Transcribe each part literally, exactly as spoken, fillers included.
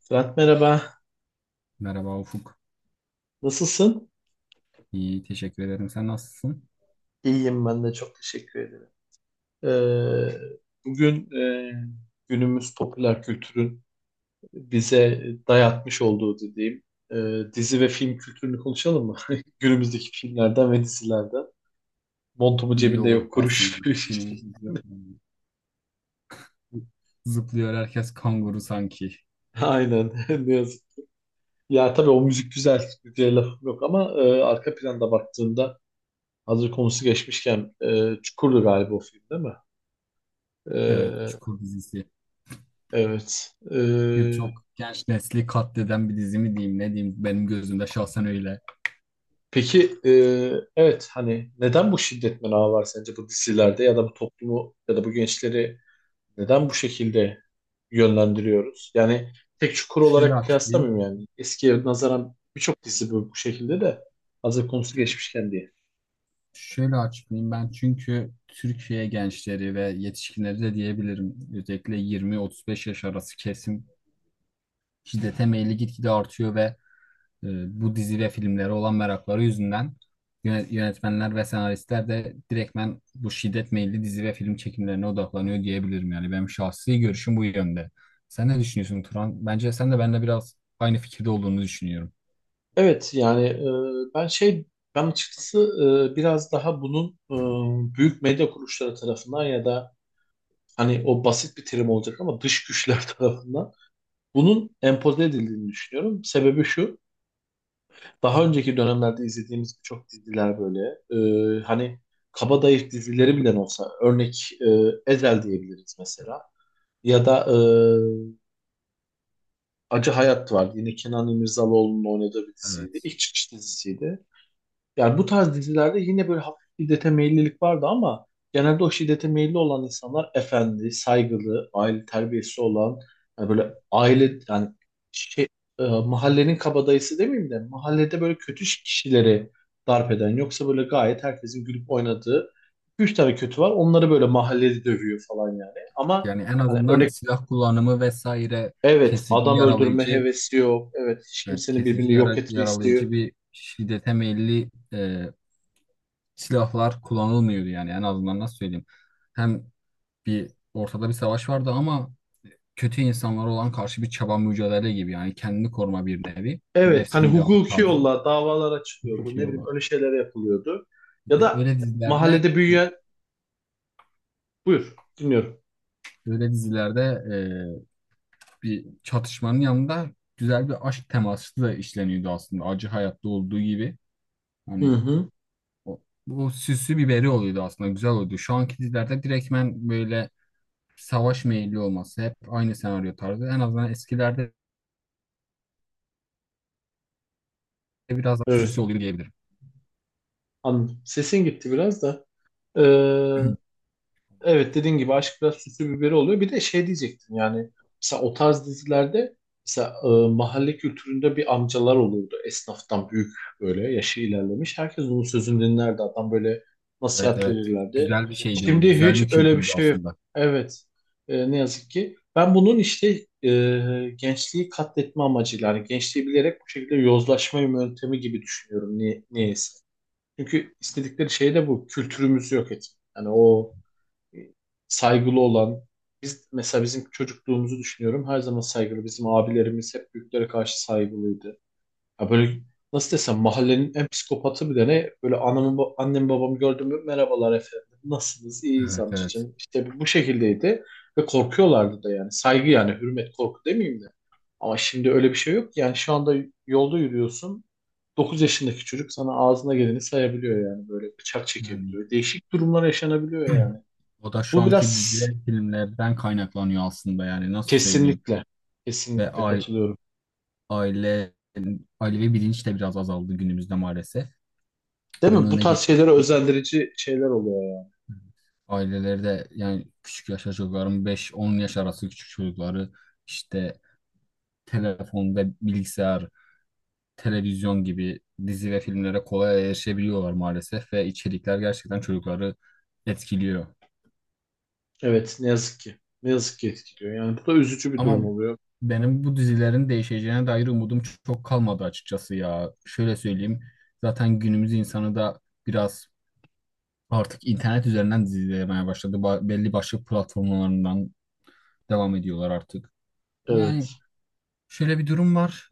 Fırat merhaba, Merhaba Ufuk. nasılsın? İyi, teşekkür ederim. Sen nasılsın? İyiyim ben de çok teşekkür ederim. Ee, bugün e, günümüz popüler kültürün bize dayatmış olduğu dediğim e, dizi ve film kültürünü konuşalım mı? Günümüzdeki filmlerden ve dizilerden. Montumu İyi cebinde olur yok kuruş. aslında. Günümüz dizi- zıplıyor herkes kanguru sanki. Aynen ne yazık. Ya tabii o müzik güzel, güzel lafım yok ama e, arka planda baktığında hazır konusu geçmişken e, Çukur'du galiba o film değil mi? Evet, E, Çukur dizisi. evet. E, Birçok genç nesli katleden bir dizi mi diyeyim ne diyeyim, benim gözümde şahsen öyle. Peki e, evet hani neden bu şiddet menağı var sence bu dizilerde ya da bu toplumu ya da bu gençleri neden bu şekilde yönlendiriyoruz? Yani tek çukur Şöyle olarak açıklayayım. kıyaslamıyorum yani. Eskiye nazaran birçok dizi bu, bu şekilde de hazır konusu Ş- geçmişken diye. Şöyle açıklayayım ben, çünkü Türkiye gençleri ve yetişkinleri de diyebilirim. Özellikle yirmi otuz beş yaş arası kesim şiddete meyilli gitgide artıyor ve e, bu dizi ve filmlere olan merakları yüzünden yöne- yönetmenler ve senaristler de direktmen bu şiddet meyilli dizi ve film çekimlerine odaklanıyor diyebilirim. Yani benim şahsi görüşüm bu yönde. Sen ne düşünüyorsun, Turan? Bence sen de benimle biraz aynı fikirde olduğunu düşünüyorum. Evet yani e, ben şey ben açıkçası e, biraz daha bunun e, büyük medya kuruluşları tarafından ya da hani o basit bir terim olacak ama dış güçler tarafından bunun empoze edildiğini düşünüyorum. Sebebi şu. Daha önceki dönemlerde izlediğimiz birçok diziler böyle. Ee, hani kabadayı dizileri bile olsa örnek e, Ezel diyebiliriz mesela. Ya da e, Acı Hayat var. Yine Kenan İmirzalıoğlu'nun oynadığı bir diziydi. Evet. İlk çıkış dizisiydi. Yani bu tarz dizilerde yine böyle hafif şiddete meyillilik vardı ama genelde o şiddete meyilli olan insanlar efendi, saygılı, aile terbiyesi olan, yani böyle aile yani şey, e, mahallenin kabadayısı demeyeyim de mahallede böyle kötü kişileri darp eden yoksa böyle gayet herkesin gülüp oynadığı iki üç tane kötü var. Onları böyle mahallede dövüyor falan yani. Ama Yani en hani azından örnek silah kullanımı vesaire, evet kesici adam öldürme yaralayıcı, hevesi yok. Evet hiç evet, kimsenin kesici birbirini yok yara- etme isteği yaralayıcı yok. bir şiddete meyilli e, silahlar kullanılmıyordu, yani en azından nasıl söyleyeyim. Hem bir ortada bir savaş vardı ama kötü insanlara olan karşı bir çaba, mücadele gibi, yani kendini koruma, bir nevi Evet nefsi hani müdafaa hukuki tarzı yolla davalara bir çıkıyordu. şey Ne bileyim olur. öyle şeyler yapılıyordu. Bir Ya de da Öyle dizilerde mahallede büyüyen... Buyur dinliyorum. öyle dizilerde e, bir çatışmanın yanında güzel bir aşk teması da işleniyordu, aslında acı hayatta olduğu gibi. Hı Hani hı. o, bu süslü biberi oluyordu aslında, güzel oluyordu. Şu anki dizilerde direktmen böyle savaş meyilli olması, hep aynı senaryo tarzı. En azından eskilerde biraz daha Evet süslü oluyor diyebilirim. anladım. Sesin gitti biraz da. Ee, Evet dediğin gibi aşk biraz süslü biberi oluyor. Bir de şey diyecektim yani mesela o tarz dizilerde mesela e, mahalle kültüründe bir amcalar olurdu. Esnaftan büyük böyle yaşı ilerlemiş. Herkes onun sözünü dinlerdi. Adam böyle Evet, nasihat evet, verirlerdi. güzel bir şeydi o, Şimdi güzel hiç bir öyle bir kültürdü şey yok. aslında. Evet. E, ne yazık ki. Ben bunun işte e, gençliği katletme amacıyla yani gençliği bilerek bu şekilde yozlaşma yöntemi gibi düşünüyorum. Niye, niyeyse. Çünkü istedikleri şey de bu. Kültürümüzü yok etmek. Yani o saygılı olan biz mesela bizim çocukluğumuzu düşünüyorum her zaman saygılı bizim abilerimiz hep büyüklere karşı saygılıydı. Ya böyle nasıl desem mahallenin en psikopatı bir tane böyle anamı ba- annem babamı gördüm mü merhabalar efendim nasılsınız iyiyiz Evet, evet. amcacığım işte bu şekildeydi ve korkuyorlardı da yani saygı yani hürmet korku demeyeyim de ama şimdi öyle bir şey yok yani şu anda yolda yürüyorsun dokuz yaşındaki çocuk sana ağzına geleni sayabiliyor yani böyle bıçak Yani çekebiliyor değişik durumlar yaşanabiliyor yani. o da şu Bu anki dizi ve biraz filmlerden kaynaklanıyor aslında, yani nasıl söyleyeyim. kesinlikle, Ve kesinlikle ai- katılıyorum. aile ailevi bilinç de biraz azaldı günümüzde maalesef. Değil Bunun mi? Bu önüne tarz geçmek, şeylere özendirici şeyler oluyor ya. aileleri de yani küçük yaşta çocukların, beş on yaş arası küçük çocukları işte telefon ve bilgisayar, televizyon gibi dizi ve filmlere kolay erişebiliyorlar maalesef, ve içerikler gerçekten çocukları etkiliyor. Evet, ne yazık ki. Ne yazık ki etkiliyor. Yani bu da üzücü bir Ama durum oluyor. benim bu dizilerin değişeceğine dair umudum çok kalmadı açıkçası ya. Şöyle söyleyeyim. Zaten günümüz insanı da biraz artık internet üzerinden dizi izlemeye başladı. Ba- belli başlı platformlarından devam ediyorlar artık. Ama yani Evet. şöyle bir durum var.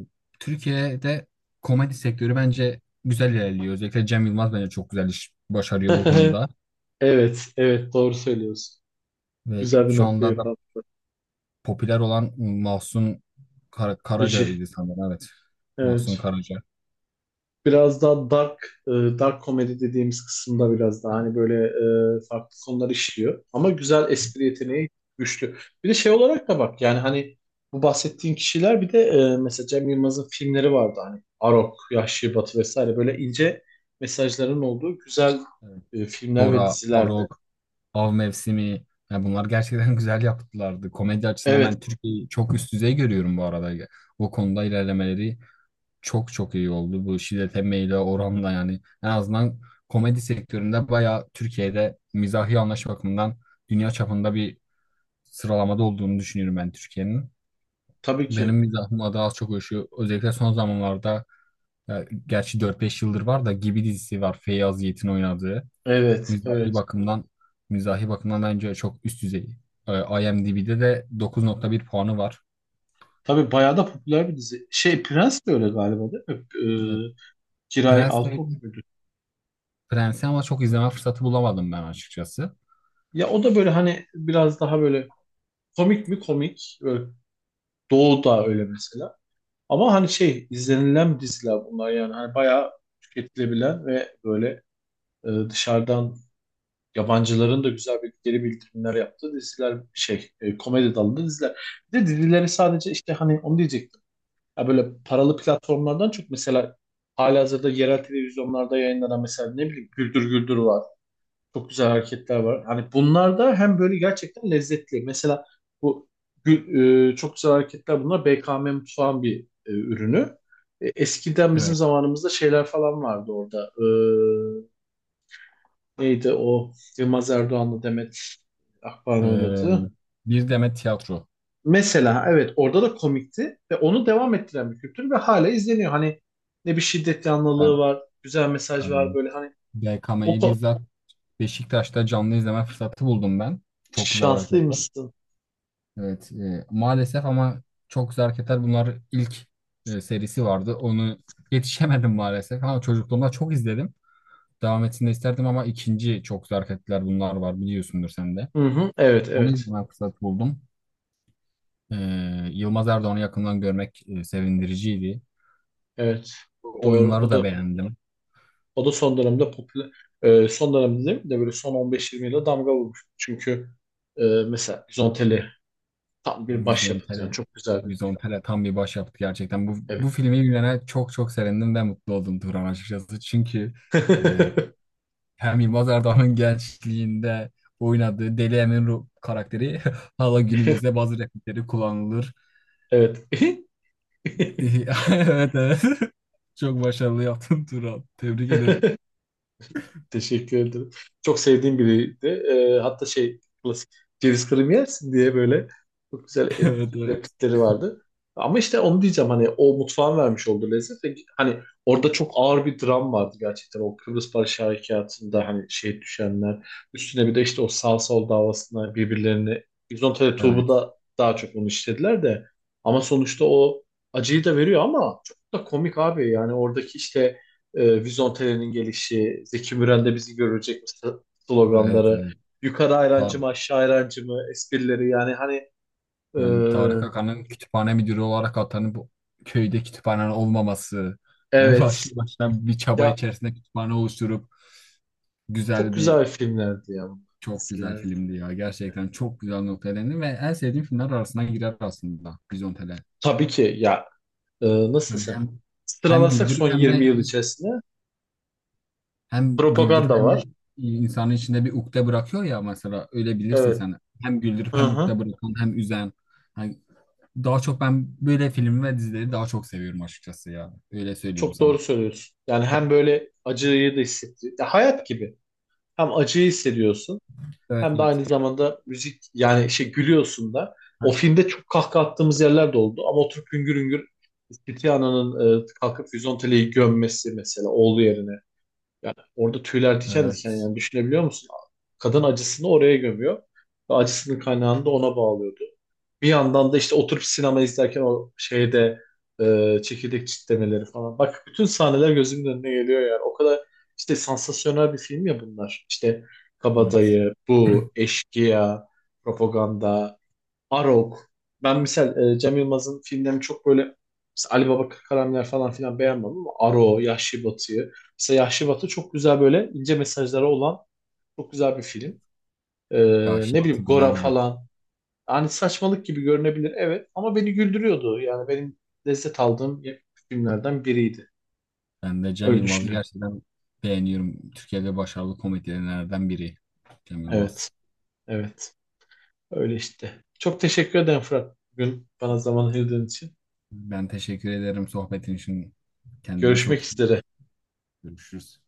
Ee, Türkiye'de komedi sektörü bence güzel ilerliyor. Özellikle Cem Yılmaz bence çok güzel iş başarıyor bu konuda. Evet, evet doğru söylüyorsun. Ve Güzel bir şu nokta anda da yapalım. popüler olan Mahsun Kar Rejim. Karaca'ydı sanırım. Evet. Mahsun Evet. Karaca. Biraz daha dark e, dark komedi dediğimiz kısımda biraz daha hani böyle e, farklı konular işliyor. Ama güzel espri yeteneği güçlü. Bir de şey olarak da bak yani hani bu bahsettiğin kişiler bir de e, mesela Cem Yılmaz'ın filmleri vardı hani Arok, Yahşi Batı vesaire böyle ince mesajların olduğu güzel e, filmler ve Gora, dizilerdi. Arog, Av Mevsimi. Yani bunlar gerçekten güzel yaptılardı. Komedi açısından Evet, ben Türkiye'yi çok üst düzey görüyorum bu arada. O konuda ilerlemeleri çok çok iyi oldu. Bu şiddete meyle oranla, yani en azından komedi sektöründe bayağı, Türkiye'de mizahi anlayış bakımından dünya çapında bir sıralamada olduğunu düşünüyorum ben Türkiye'nin. tabii Benim ki. mizahıma daha az çok uyuşuyor. Özellikle son zamanlarda, ya, gerçi dört beş yıldır var da, Gibi dizisi var. Feyyaz Yiğit'in oynadığı. Evet, Mizahi evet. bakımdan mizahi bakımdan bence çok üst düzey. Ee, IMDb'de de dokuz nokta bir puanı var. Tabii bayağı da popüler bir dizi. Şey Prens de öyle galiba değil Ee, mi? E, Giray Prens Altınok de- muydu? Prens'i ama çok izleme fırsatı bulamadım ben açıkçası. Ya o da böyle hani biraz daha böyle komik mi? Komik. Böyle Doğu da öyle mesela. Ama hani şey izlenilen diziler bunlar yani. Hani bayağı tüketilebilen ve böyle e, dışarıdan yabancıların da güzel bir geri bildirimler yaptığı diziler şey e, komedi dalında diziler. Bir de dizileri sadece işte hani onu diyecektim. Ya böyle paralı platformlardan çok mesela halihazırda yerel televizyonlarda yayınlanan mesela ne bileyim Güldür Güldür var. Çok güzel hareketler var. Hani bunlar da hem böyle gerçekten lezzetli. Mesela bu gü- e, çok güzel hareketler bunlar B K M mutfağın bir e, ürünü. E, eskiden bizim Evet. zamanımızda şeyler falan vardı orada. E, neydi o Yılmaz Erdoğan'la Demet Akbağ'ın Ee, oynadığı. bir Demet Tiyatro. Mesela evet orada da komikti ve onu devam ettiren bir kültür ve hala izleniyor. Hani ne bir şiddet Ben yanlılığı var, güzel mesaj var tabii böyle hani o B K M'yi ko- bizzat Beşiktaş'ta canlı izleme fırsatı buldum ben. Çok güzel hareketler. şanslıymışsın. Evet. E, maalesef, ama çok güzel hareketler. Bunlar ilk e, serisi vardı. Onu yetişemedim maalesef ama çocukluğumda çok izledim. Devam etsin de isterdim, ama ikinci çok zarfetler bunlar var, biliyorsundur sen de. Hı hı, evet Bunu evet. izleme fırsatı buldum. Ee, Yılmaz Erdoğan'ı yakından görmek e, sevindiriciydi. Evet. O Doğru. oyunları O da da beğendim. o da son dönemde popüler e, son dönemde değil mi de böyle son on beş yirmi yılda damga vurmuş. Çünkü e, mesela Bizonteli tam O bir başyapıt yani Vizontele, çok güzel bir film. Vizontele tam bir başyapıt gerçekten. Bu, Evet. bu filmi bilene çok çok sevindim ve mutlu oldum Turan açıkçası. Çünkü e, hem Yılmaz Erdoğan'ın gençliğinde oynadığı Deli Emin Ru- karakteri hala günümüzde bazı replikleri kullanılır. Evet. Evet, evet. Çok başarılı yaptın Turan. Tebrik ederim. Teşekkür ederim. Çok sevdiğim biriydi. Ee, hatta şey klasik ceviz kırım yersin diye böyle çok güzel et- Evet, evet. replikleri vardı. Ama işte onu diyeceğim hani o mutfağın vermiş olduğu lezzet ve hani orada çok ağır bir dram vardı gerçekten o Kıbrıs Barış Harekatı'nda hani şey düşenler üstüne bir de işte o sağ sol davasına birbirlerini Bizontalya Tuğbu Evet, da daha çok onu işlediler de ama sonuçta o acıyı da veriyor ama çok da komik abi yani oradaki işte e, Vizontele'nin gelişi, Zeki Müren'de bizi görecek mi s- evet, sloganları, evet. yukarı Tar ayrancı mı aşağı ayrancı mı esprileri yani hani e, yani Tarık Akan'ın kütüphane müdürü olarak atanıp köyde kütüphane olmaması. En başlı evet baştan bir çaba ya içerisinde kütüphane oluşturup çok güzel bir güzel filmlerdi ya bunlar. çok güzel Diziler. filmdi ya. Gerçekten çok güzel noktaya değindi ve en sevdiğim filmler arasına girer aslında Bizontele. Tabii ki ya e, nasıl Yani desem hem hem sıralasak son güldürüp hem yirmi de yıl içerisinde Hem propaganda güldürüp hem de var. insanın içinde bir ukde bırakıyor ya, mesela öyle bilirsin Evet. sen. Hem güldürüp Hı hem hı. ukde bırakan hem üzen. Hani daha çok ben böyle film ve dizileri daha çok seviyorum açıkçası ya. Öyle söyleyeyim Çok doğru sana. söylüyorsun. Yani hem böyle acıyı da hissettiriyor. Ya hayat gibi. Hem acıyı hissediyorsun. Evet, Hem de aynı evet. zamanda müzik yani şey gülüyorsun da. O Ha, filmde çok kahkaha attığımız yerler de oldu ama oturup hüngür hüngür Tiziano'nun e, kalkıp Vizontele'yi gömmesi mesela oğlu yerine. Yani orada tüyler diken diken evet, yani düşünebiliyor musun? Kadın acısını oraya gömüyor ve acısının kaynağını da ona bağlıyordu. Bir yandan da işte oturup sinema izlerken o şeyde e, çekirdek çitlemeleri falan. Bak bütün sahneler gözümün önüne geliyor yani. O kadar işte sansasyonel bir film ya bunlar. İşte evet. Kabadayı, Bu, Eşkıya, Propaganda, Arok. Ben misal e, Cem Yılmaz'ın filmlerini çok böyle mesela Ali Baba Karameler falan filan beğenmem ama Aro, Yahşi Batı'yı. Mesela Yahşi Batı çok güzel böyle ince mesajları olan çok güzel bir film. E, Ya, ne Şivat'ı bileyim Gora güzeldi. falan. Hani saçmalık gibi görünebilir evet ama beni güldürüyordu. Yani benim lezzet aldığım filmlerden biriydi. Ben de Cem Öyle Yılmaz'ı düşünüyorum. gerçekten beğeniyorum. Türkiye'de başarılı komedyenlerden biri Cem Evet. Yılmaz. Evet. Öyle işte. Çok teşekkür ederim Fırat. Bugün bana zaman ayırdığın için. Ben teşekkür ederim sohbetin için. Kendine çok Görüşmek dikkat et. üzere. Görüşürüz.